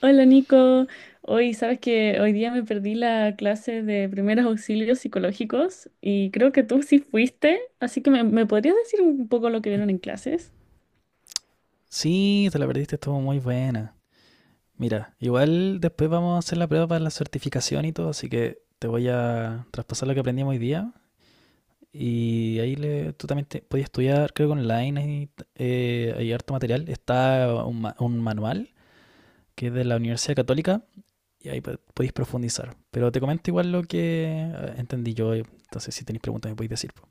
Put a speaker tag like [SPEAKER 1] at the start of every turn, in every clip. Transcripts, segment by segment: [SPEAKER 1] Hola Nico, hoy sabes que hoy día me perdí la clase de primeros auxilios psicológicos y creo que tú sí fuiste, así que me podrías decir un poco lo que vieron en clases.
[SPEAKER 2] Sí, te la perdiste, estuvo muy buena. Mira, igual después vamos a hacer la prueba para la certificación y todo, así que te voy a traspasar lo que aprendimos hoy día. Y ahí tú también podías estudiar, creo que online y, hay harto material. Está un manual que es de la Universidad Católica y ahí podéis profundizar. Pero te comento igual lo que entendí yo, entonces si tenéis preguntas me podéis decir, po.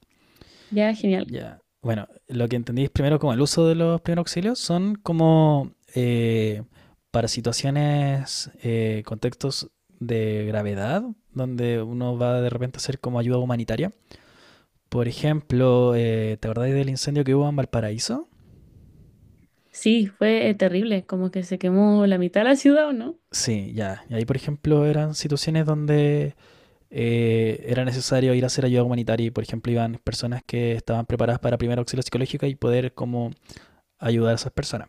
[SPEAKER 1] Ya, genial.
[SPEAKER 2] Ya. Bueno, lo que entendí es primero como el uso de los primeros auxilios son como para situaciones, contextos de gravedad, donde uno va de repente a hacer como ayuda humanitaria. Por ejemplo, ¿te acordáis del incendio que hubo en Valparaíso?
[SPEAKER 1] Sí, fue terrible, como que se quemó la mitad de la ciudad, ¿o no?
[SPEAKER 2] Sí, ya. Y ahí, por ejemplo, eran situaciones donde era necesario ir a hacer ayuda humanitaria y, por ejemplo, iban personas que estaban preparadas para primer auxilio psicológico y poder como ayudar a esas personas.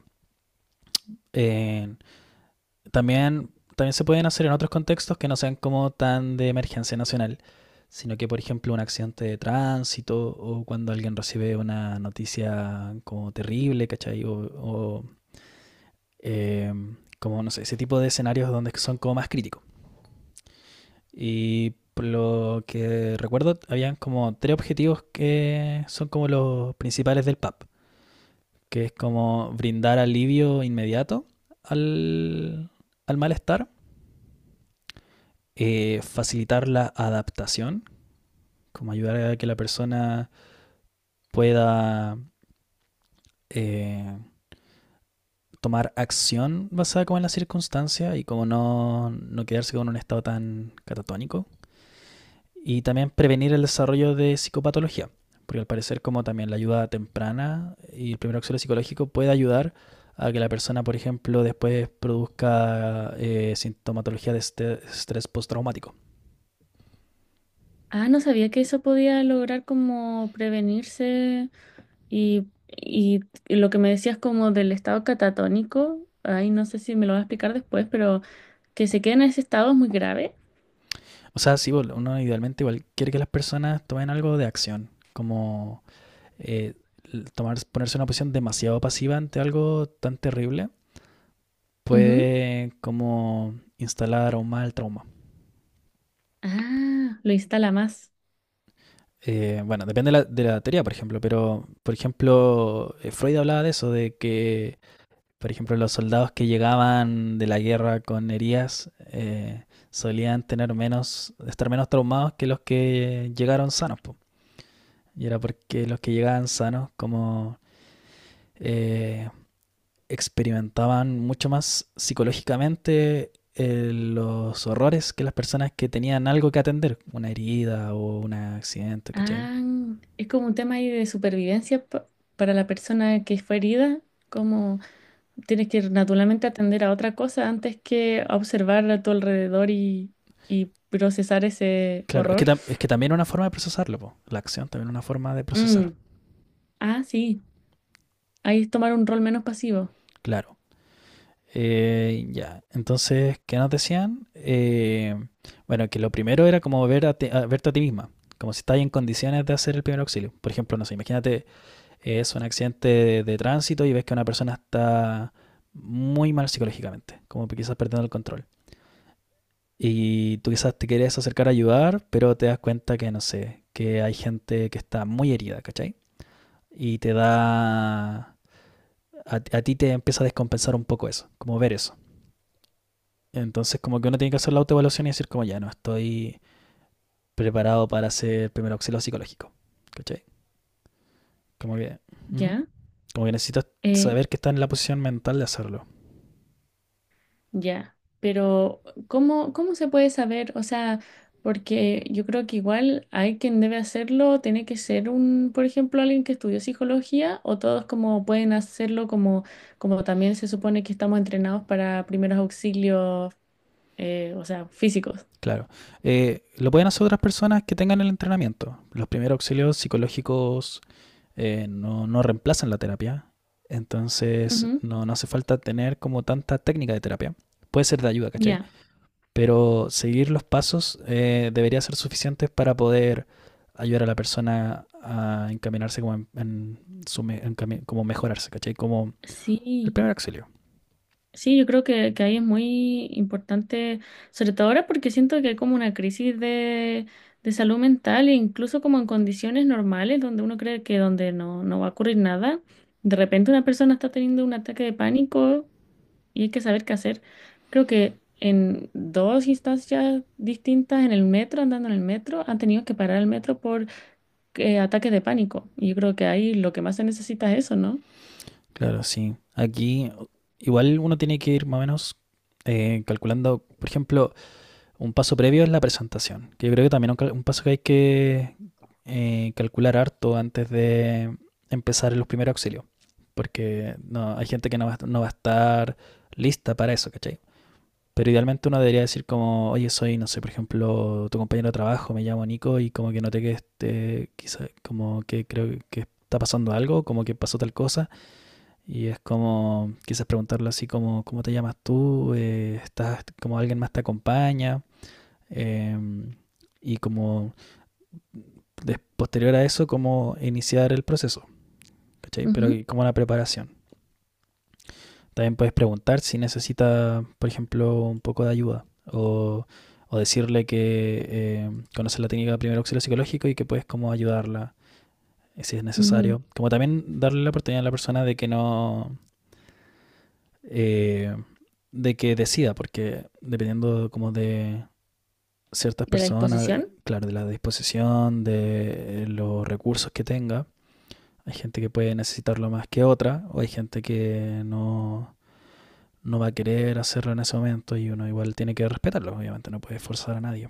[SPEAKER 2] Eh, también, también se pueden hacer en otros contextos que no sean como tan de emergencia nacional, sino que, por ejemplo, un accidente de tránsito o cuando alguien recibe una noticia como terrible, ¿cachai? O, eh, como, no sé, ese tipo de escenarios donde son como más críticos. Y por lo que recuerdo, habían como tres objetivos que son como los principales del PAP, que es como brindar alivio inmediato al, al malestar, facilitar la adaptación, como ayudar a que la persona pueda eh, tomar acción basada como en la circunstancia y como no, no quedarse con un estado tan catatónico. Y también prevenir el desarrollo de psicopatología, porque al parecer como también la ayuda temprana y el primer auxilio psicológico puede ayudar a que la persona, por ejemplo, después produzca sintomatología de estrés postraumático.
[SPEAKER 1] Ah, no sabía que eso podía lograr como prevenirse y lo que me decías como del estado catatónico, ay, no sé si me lo vas a explicar después, pero que se quede en ese estado es muy grave.
[SPEAKER 2] O sea, sí, uno idealmente igual quiere que las personas tomen algo de acción, como eh, ponerse en una posición demasiado pasiva ante algo tan terrible
[SPEAKER 1] Ujú.
[SPEAKER 2] puede como instalar aún más el trauma.
[SPEAKER 1] Ah, lo instala más.
[SPEAKER 2] Bueno, depende de la teoría, por ejemplo, pero por ejemplo, Freud hablaba de eso, de que, por ejemplo, los soldados que llegaban de la guerra con heridas solían tener menos, estar menos traumados que los que llegaron sanos, po. Y era porque los que llegaban sanos, como eh, experimentaban mucho más psicológicamente los horrores que las personas que tenían algo que atender, una herida o un accidente, ¿cachai?
[SPEAKER 1] Ah, es como un tema ahí de supervivencia para la persona que fue herida, como tienes que naturalmente atender a otra cosa antes que a observar a tu alrededor y procesar ese
[SPEAKER 2] Claro, es que,
[SPEAKER 1] horror.
[SPEAKER 2] es que también es una forma de procesarlo, po. La acción también es una forma de procesar,
[SPEAKER 1] Mm. Ah, sí, ahí es tomar un rol menos pasivo,
[SPEAKER 2] claro. Ya, entonces, ¿qué nos decían? Bueno, que lo primero era como ver verte a ti misma, como si estás en condiciones de hacer el primer auxilio. Por ejemplo, no sé, imagínate es un accidente de tránsito y ves que una persona está muy mal psicológicamente, como quizás perdiendo el control. Y tú quizás te quieres acercar a ayudar, pero te das cuenta que, no sé, que hay gente que está muy herida, ¿cachai? Y te da... a ti te empieza a descompensar un poco eso, como ver eso. Entonces como que uno tiene que hacer la autoevaluación y decir como ya no estoy preparado para hacer primer auxilio psicológico, ¿cachai? Como que... Ujú.
[SPEAKER 1] ¿ya?
[SPEAKER 2] Como que necesitas
[SPEAKER 1] Eh,
[SPEAKER 2] saber que estás en la posición mental de hacerlo.
[SPEAKER 1] Ya, pero ¿cómo, cómo se puede saber? O sea, porque yo creo que igual hay quien debe hacerlo, tiene que ser un, por ejemplo, alguien que estudió psicología o todos como pueden hacerlo como, como también se supone que estamos entrenados para primeros auxilios, o sea, físicos.
[SPEAKER 2] Claro. Lo pueden hacer otras personas que tengan el entrenamiento. Los primeros auxilios psicológicos no, no reemplazan la terapia. Entonces
[SPEAKER 1] Ujú.
[SPEAKER 2] no, no hace falta tener como tanta técnica de terapia. Puede ser de ayuda, ¿cachai?
[SPEAKER 1] Ya.
[SPEAKER 2] Pero seguir los pasos debería ser suficiente para poder ayudar a la persona a encaminarse como, en su en como mejorarse, ¿cachai? Como el
[SPEAKER 1] Sí.
[SPEAKER 2] primer auxilio.
[SPEAKER 1] Sí, yo creo que ahí es muy importante, sobre todo ahora porque siento que hay como una crisis de salud mental e incluso como en condiciones normales donde uno cree que donde no va a ocurrir nada, de repente una persona está teniendo un ataque de pánico y hay que saber qué hacer. Creo que en dos instancias distintas en el metro, andando en el metro, han tenido que parar el metro por ataques de pánico. Y yo creo que ahí lo que más se necesita es eso, ¿no?
[SPEAKER 2] Claro, sí. Aquí igual uno tiene que ir más o menos calculando, por ejemplo, un paso previo es la presentación, que yo creo que también un paso que hay que calcular harto antes de empezar en los primeros auxilios, porque no, hay gente que no va a estar lista para eso, ¿cachai? Pero idealmente uno debería decir como, oye, soy, no sé, por ejemplo, tu compañero de trabajo, me llamo Nico y como que noté que este, quizá, como que creo que está pasando algo, como que pasó tal cosa, y es como, quizás preguntarle así como, ¿cómo te llamas tú? Como alguien más te acompaña? eh, y como posterior a eso, cómo iniciar el proceso, ¿cachai? Pero
[SPEAKER 1] Ujú,
[SPEAKER 2] y como una preparación. También puedes preguntar si necesita, por ejemplo, un poco de ayuda o, o decirle que conoces la técnica de primer auxilio psicológico y que puedes como ayudarla si es
[SPEAKER 1] ujú.
[SPEAKER 2] necesario. Como también darle la oportunidad a la persona de que no... eh, de que decida, porque dependiendo como de ciertas
[SPEAKER 1] De la
[SPEAKER 2] personas,
[SPEAKER 1] exposición.
[SPEAKER 2] claro, de la disposición, de los recursos que tenga, hay gente que puede necesitarlo más que otra, o hay gente que no, no va a querer hacerlo en ese momento y uno igual tiene que respetarlo, obviamente, no puede forzar a nadie.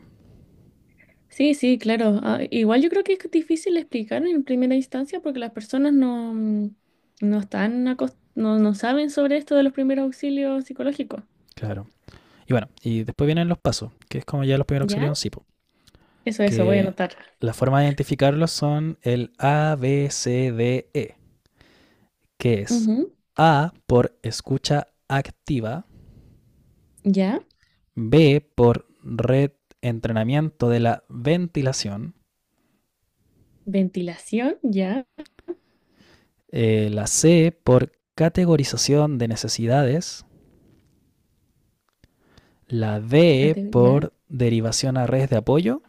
[SPEAKER 1] Sí, sí, claro. Ah, igual yo creo que es difícil explicar en primera instancia porque las personas no no saben sobre esto de los primeros auxilios psicológicos.
[SPEAKER 2] Claro. Y bueno, y después vienen los pasos, que es como ya los primeros auxilios
[SPEAKER 1] ¿Ya?
[SPEAKER 2] de un cipo,
[SPEAKER 1] Eso, voy a
[SPEAKER 2] que
[SPEAKER 1] anotar.
[SPEAKER 2] la forma de identificarlos son el A, B, C, D, E, que es
[SPEAKER 1] Ujú.
[SPEAKER 2] A por escucha activa,
[SPEAKER 1] ¿Ya?
[SPEAKER 2] B por red entrenamiento de la ventilación,
[SPEAKER 1] Ventilación, ya.
[SPEAKER 2] la C por categorización de necesidades, la D
[SPEAKER 1] Ya.
[SPEAKER 2] por derivación a redes de apoyo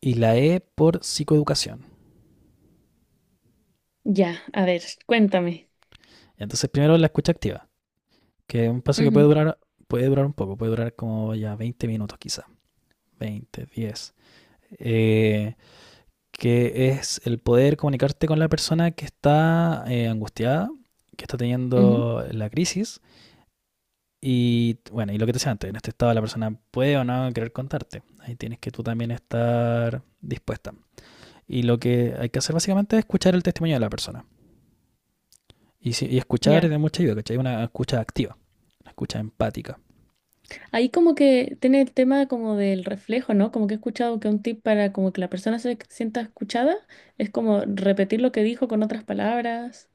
[SPEAKER 2] y la E por psicoeducación.
[SPEAKER 1] Ya. A ver, cuéntame.
[SPEAKER 2] Entonces primero la escucha activa, que es un paso que
[SPEAKER 1] Ujú,
[SPEAKER 2] puede durar un poco, puede durar como ya 20 minutos quizá, 20, 10. Eh, que es el poder comunicarte con la persona que está angustiada, que está
[SPEAKER 1] ujú,
[SPEAKER 2] teniendo la crisis. Y bueno, y lo que te decía antes, en este estado la persona puede o no querer contarte. Ahí tienes que tú también estar dispuesta. Y lo que hay que hacer básicamente es escuchar el testimonio de la persona. Y, y escuchar es
[SPEAKER 1] ya.
[SPEAKER 2] de mucha ayuda, ¿cachai? Una escucha activa, una escucha empática.
[SPEAKER 1] Ahí como que tiene el tema como del reflejo, ¿no? Como que he escuchado que un tip para como que la persona se sienta escuchada es como repetir lo que dijo con otras palabras.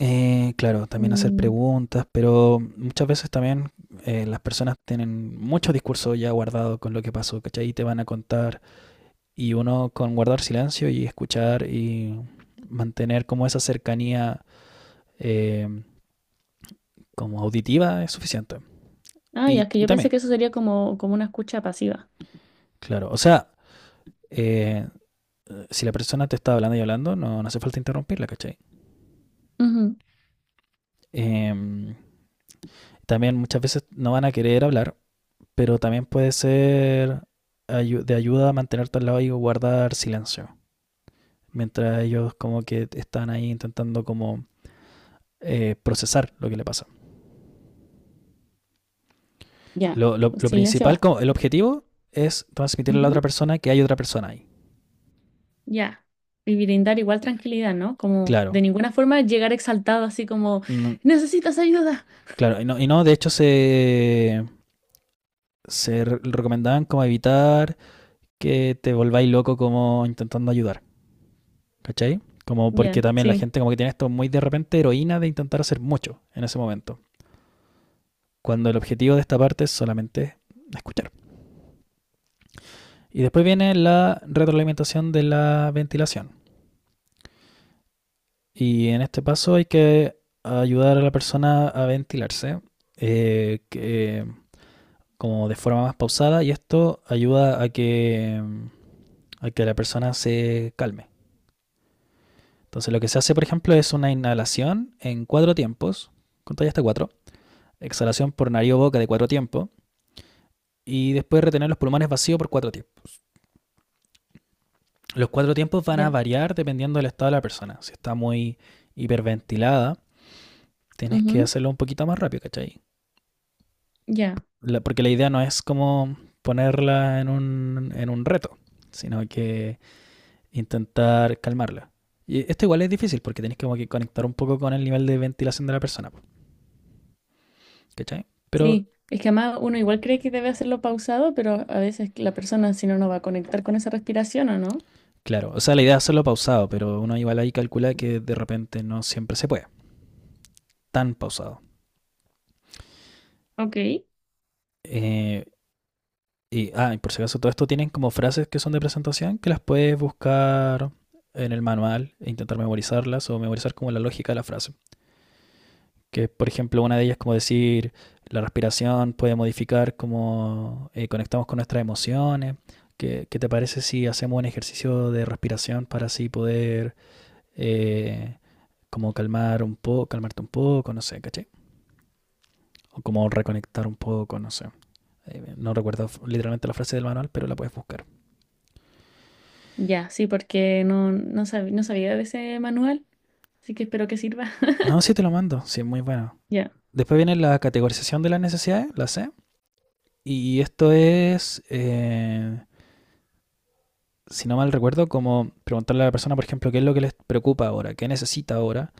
[SPEAKER 2] Claro, también hacer
[SPEAKER 1] Mm.
[SPEAKER 2] preguntas, pero muchas veces también las personas tienen mucho discurso ya guardado con lo que pasó, ¿cachai? Y te van a contar. Y uno con guardar silencio y escuchar y mantener como esa cercanía eh, como auditiva es suficiente.
[SPEAKER 1] Ah, ya,
[SPEAKER 2] Y,
[SPEAKER 1] es que
[SPEAKER 2] y
[SPEAKER 1] yo pensé
[SPEAKER 2] también,
[SPEAKER 1] que eso sería como, como una escucha pasiva.
[SPEAKER 2] claro, o sea, eh, si la persona te está hablando y hablando, no, no hace falta interrumpirla, ¿cachai?
[SPEAKER 1] Ujú.
[SPEAKER 2] Eh, también muchas veces no van a querer hablar, pero también puede ser de ayuda a mantenerte al lado y guardar silencio, mientras ellos como que están ahí intentando como procesar lo que le pasa.
[SPEAKER 1] Ya,
[SPEAKER 2] Lo, lo-
[SPEAKER 1] pues
[SPEAKER 2] lo
[SPEAKER 1] silencio
[SPEAKER 2] principal,
[SPEAKER 1] basta.
[SPEAKER 2] como el objetivo es transmitirle a la otra
[SPEAKER 1] Ujú.
[SPEAKER 2] persona que hay otra persona ahí.
[SPEAKER 1] Ya. Y brindar igual tranquilidad, ¿no? Como de
[SPEAKER 2] Claro.
[SPEAKER 1] ninguna forma llegar exaltado así como,
[SPEAKER 2] Mm,
[SPEAKER 1] necesitas ayuda.
[SPEAKER 2] claro, y no, de hecho se recomendaban como evitar que te volváis loco como intentando ayudar. ¿Cachai? Como porque
[SPEAKER 1] Ya,
[SPEAKER 2] también la
[SPEAKER 1] sí,
[SPEAKER 2] gente como que tiene esto muy de repente heroína de intentar hacer mucho en ese momento. Cuando el objetivo de esta parte es solamente escuchar. Y después viene la retroalimentación de la ventilación. Y en este paso hay que ayudar a la persona a ventilarse, eh, que, como de forma más pausada y esto ayuda a que la persona se calme. Entonces lo que se hace, por ejemplo, es una inhalación en 4 tiempos, contáis hasta 4, exhalación por nariz o boca de 4 tiempos y después retener los pulmones vacíos por 4 tiempos. Los 4 tiempos van a
[SPEAKER 1] ya.
[SPEAKER 2] variar dependiendo del estado de la persona. Si está muy hiperventilada, tienes que
[SPEAKER 1] Ujú.
[SPEAKER 2] hacerlo un poquito más rápido, ¿cachai?
[SPEAKER 1] Ya,
[SPEAKER 2] Porque la idea no es como ponerla en un reto, sino que intentar calmarla. Y esto igual es difícil porque tenés como que conectar un poco con el nivel de ventilación de la persona, po, ¿cachai? Pero
[SPEAKER 1] sí. Es que además uno igual cree que debe hacerlo pausado, pero a veces la persona si no, no va a conectar con esa respiración o no.
[SPEAKER 2] claro, o sea, la idea es hacerlo pausado, pero uno igual ahí calcula que de repente no siempre se puede tan pausado.
[SPEAKER 1] Ok.
[SPEAKER 2] Eh, y por si acaso, todo esto tienen como frases que son de presentación que las puedes buscar en el manual e intentar memorizarlas o memorizar como la lógica de la frase. Que, por ejemplo, una de ellas es como decir, la respiración puede modificar cómo conectamos con nuestras emociones. ¿Qué te parece si hacemos un ejercicio de respiración para así poder eh, como calmar un poco, calmarte un poco, no sé, ¿caché? O como reconectar un poco, no sé. No recuerdo literalmente la frase del manual, pero la puedes buscar.
[SPEAKER 1] Ya, sí, porque no sabía de ese manual, así que espero que sirva.
[SPEAKER 2] No, sí te lo mando. Sí, muy bueno.
[SPEAKER 1] Ya.
[SPEAKER 2] Después viene la categorización de las necesidades, la C. Y esto es, si no mal recuerdo, como preguntarle a la persona, por ejemplo, qué es lo que les preocupa ahora, qué necesita ahora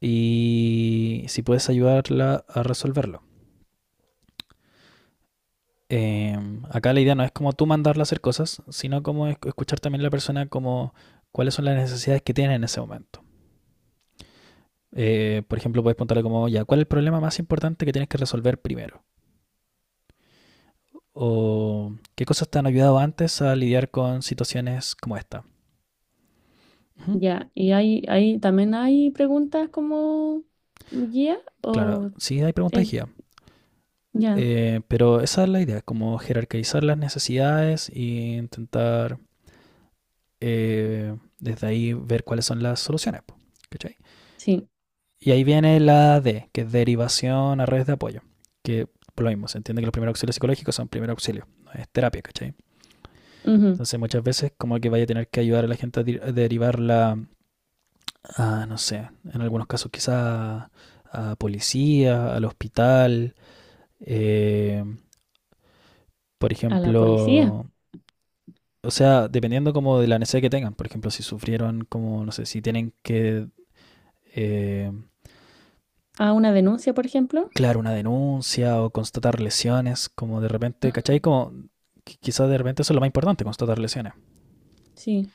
[SPEAKER 2] y si puedes ayudarla a resolverlo. Eh, Acá la idea no es como tú mandarla a hacer cosas, sino como escuchar también a la persona como cuáles son las necesidades que tiene en ese momento. Por ejemplo, puedes preguntarle como, ya, ¿cuál es el problema más importante que tienes que resolver primero? O qué cosas te han ayudado antes a lidiar con situaciones como esta. Ujú.
[SPEAKER 1] Ya, y también hay preguntas como guía
[SPEAKER 2] Claro,
[SPEAKER 1] o
[SPEAKER 2] sí hay preguntas
[SPEAKER 1] es,
[SPEAKER 2] de guía,
[SPEAKER 1] ya,
[SPEAKER 2] pero esa es la idea, como jerarquizar las necesidades e intentar desde ahí ver cuáles son las soluciones. Po, ¿cachai?
[SPEAKER 1] sí,
[SPEAKER 2] Y ahí viene la D, que es derivación a redes de apoyo, que por lo mismo, se entiende que los primeros auxilios psicológicos son primer auxilio, no es terapia, ¿cachai?
[SPEAKER 1] ujú.
[SPEAKER 2] Entonces muchas veces como que vaya a tener que ayudar a la gente a derivar la a, no sé, en algunos casos quizá a policía, al hospital, eh, por
[SPEAKER 1] A la policía,
[SPEAKER 2] ejemplo, o sea, dependiendo como de la necesidad que tengan, por ejemplo, si sufrieron como, no sé, si tienen que, eh,
[SPEAKER 1] a una denuncia, por ejemplo.
[SPEAKER 2] claro, una denuncia o constatar lesiones, como de repente,
[SPEAKER 1] Ujú.
[SPEAKER 2] ¿cachai? Como quizás de repente eso es lo más importante, constatar lesiones,
[SPEAKER 1] Sí,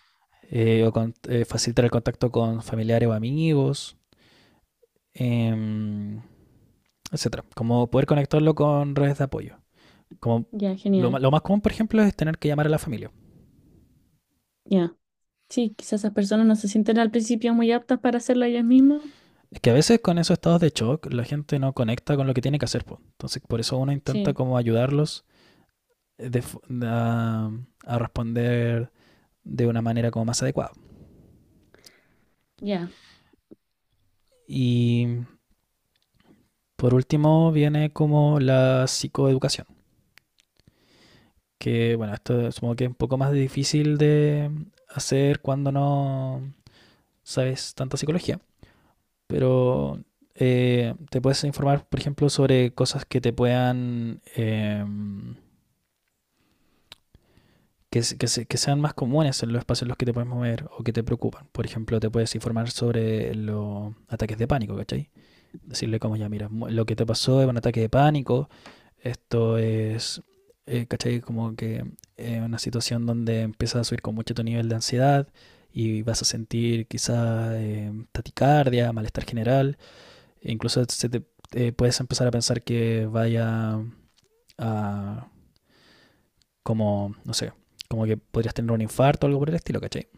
[SPEAKER 2] facilitar el contacto con familiares o amigos, eh, etcétera, como poder conectarlo con redes de apoyo. Como
[SPEAKER 1] ya,
[SPEAKER 2] lo,
[SPEAKER 1] genial,
[SPEAKER 2] lo más común, por ejemplo, es tener que llamar a la familia.
[SPEAKER 1] ya. Sí, quizás esas personas no se sienten al principio muy aptas para hacerlo ellas mismas.
[SPEAKER 2] Es que a veces con esos estados de shock la gente no conecta con lo que tiene que hacer. Po. Entonces, por eso uno intenta
[SPEAKER 1] Sí,
[SPEAKER 2] como ayudarlos eh, de a, a responder de una manera como más adecuada.
[SPEAKER 1] ya,
[SPEAKER 2] Y por último viene como la psicoeducación, que bueno, esto supongo que es un poco más difícil de hacer cuando no sabes tanta psicología, pero te puedes informar, por ejemplo, sobre cosas que te puedan, que sean más comunes en los espacios en los que te puedes mover o que te preocupan. Por ejemplo, te puedes informar sobre los ataques de pánico, ¿cachai? Decirle como ya, mira, lo que te pasó es un ataque de pánico, esto es, ¿cachai? Como que una situación donde empiezas a subir con mucho tu nivel de ansiedad y vas a sentir quizás taticardia, malestar general, incluso se te, puedes empezar a pensar que vaya a como, no sé, como que podrías tener un infarto o algo por el estilo, ¿cachai?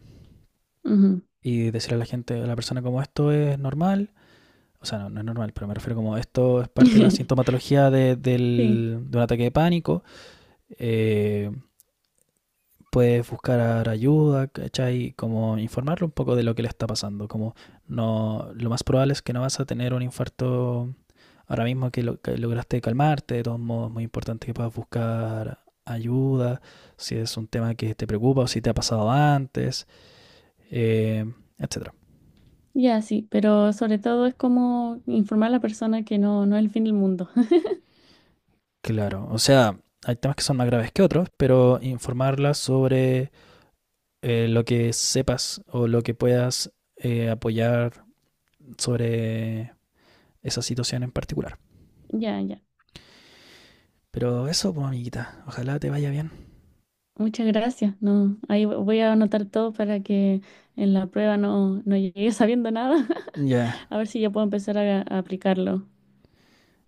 [SPEAKER 1] ujú.
[SPEAKER 2] Y decirle a la gente, a la persona como esto es normal, o sea, no, no es normal, pero me refiero como esto es parte de la sintomatología
[SPEAKER 1] Sí,
[SPEAKER 2] de un ataque de pánico, eh, puedes buscar ayuda, ¿cachai? Como informarlo un poco de lo que le está pasando, como no, lo más probable es que no vas a tener un infarto ahora mismo que, que lograste calmarte, de todos modos es muy importante que puedas buscar ayuda, si es un tema que te preocupa o si te ha pasado antes, eh, etcétera.
[SPEAKER 1] ya, sí, pero sobre todo es como informar a la persona que no es el fin del mundo.
[SPEAKER 2] Claro, o sea, hay temas que son más graves que otros, pero informarla sobre lo que sepas o lo que puedas apoyar sobre esa situación en particular.
[SPEAKER 1] Ya, ya.
[SPEAKER 2] Pero eso, pues, amiguita, ojalá te vaya bien.
[SPEAKER 1] Muchas gracias. No, ahí voy a anotar todo para que en la prueba no llegue sabiendo nada.
[SPEAKER 2] Ya, yeah.
[SPEAKER 1] A ver si ya puedo empezar a aplicarlo.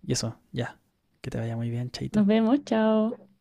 [SPEAKER 2] Y eso, ya, yeah. Que te vaya muy bien, chaito.
[SPEAKER 1] Nos vemos, chao.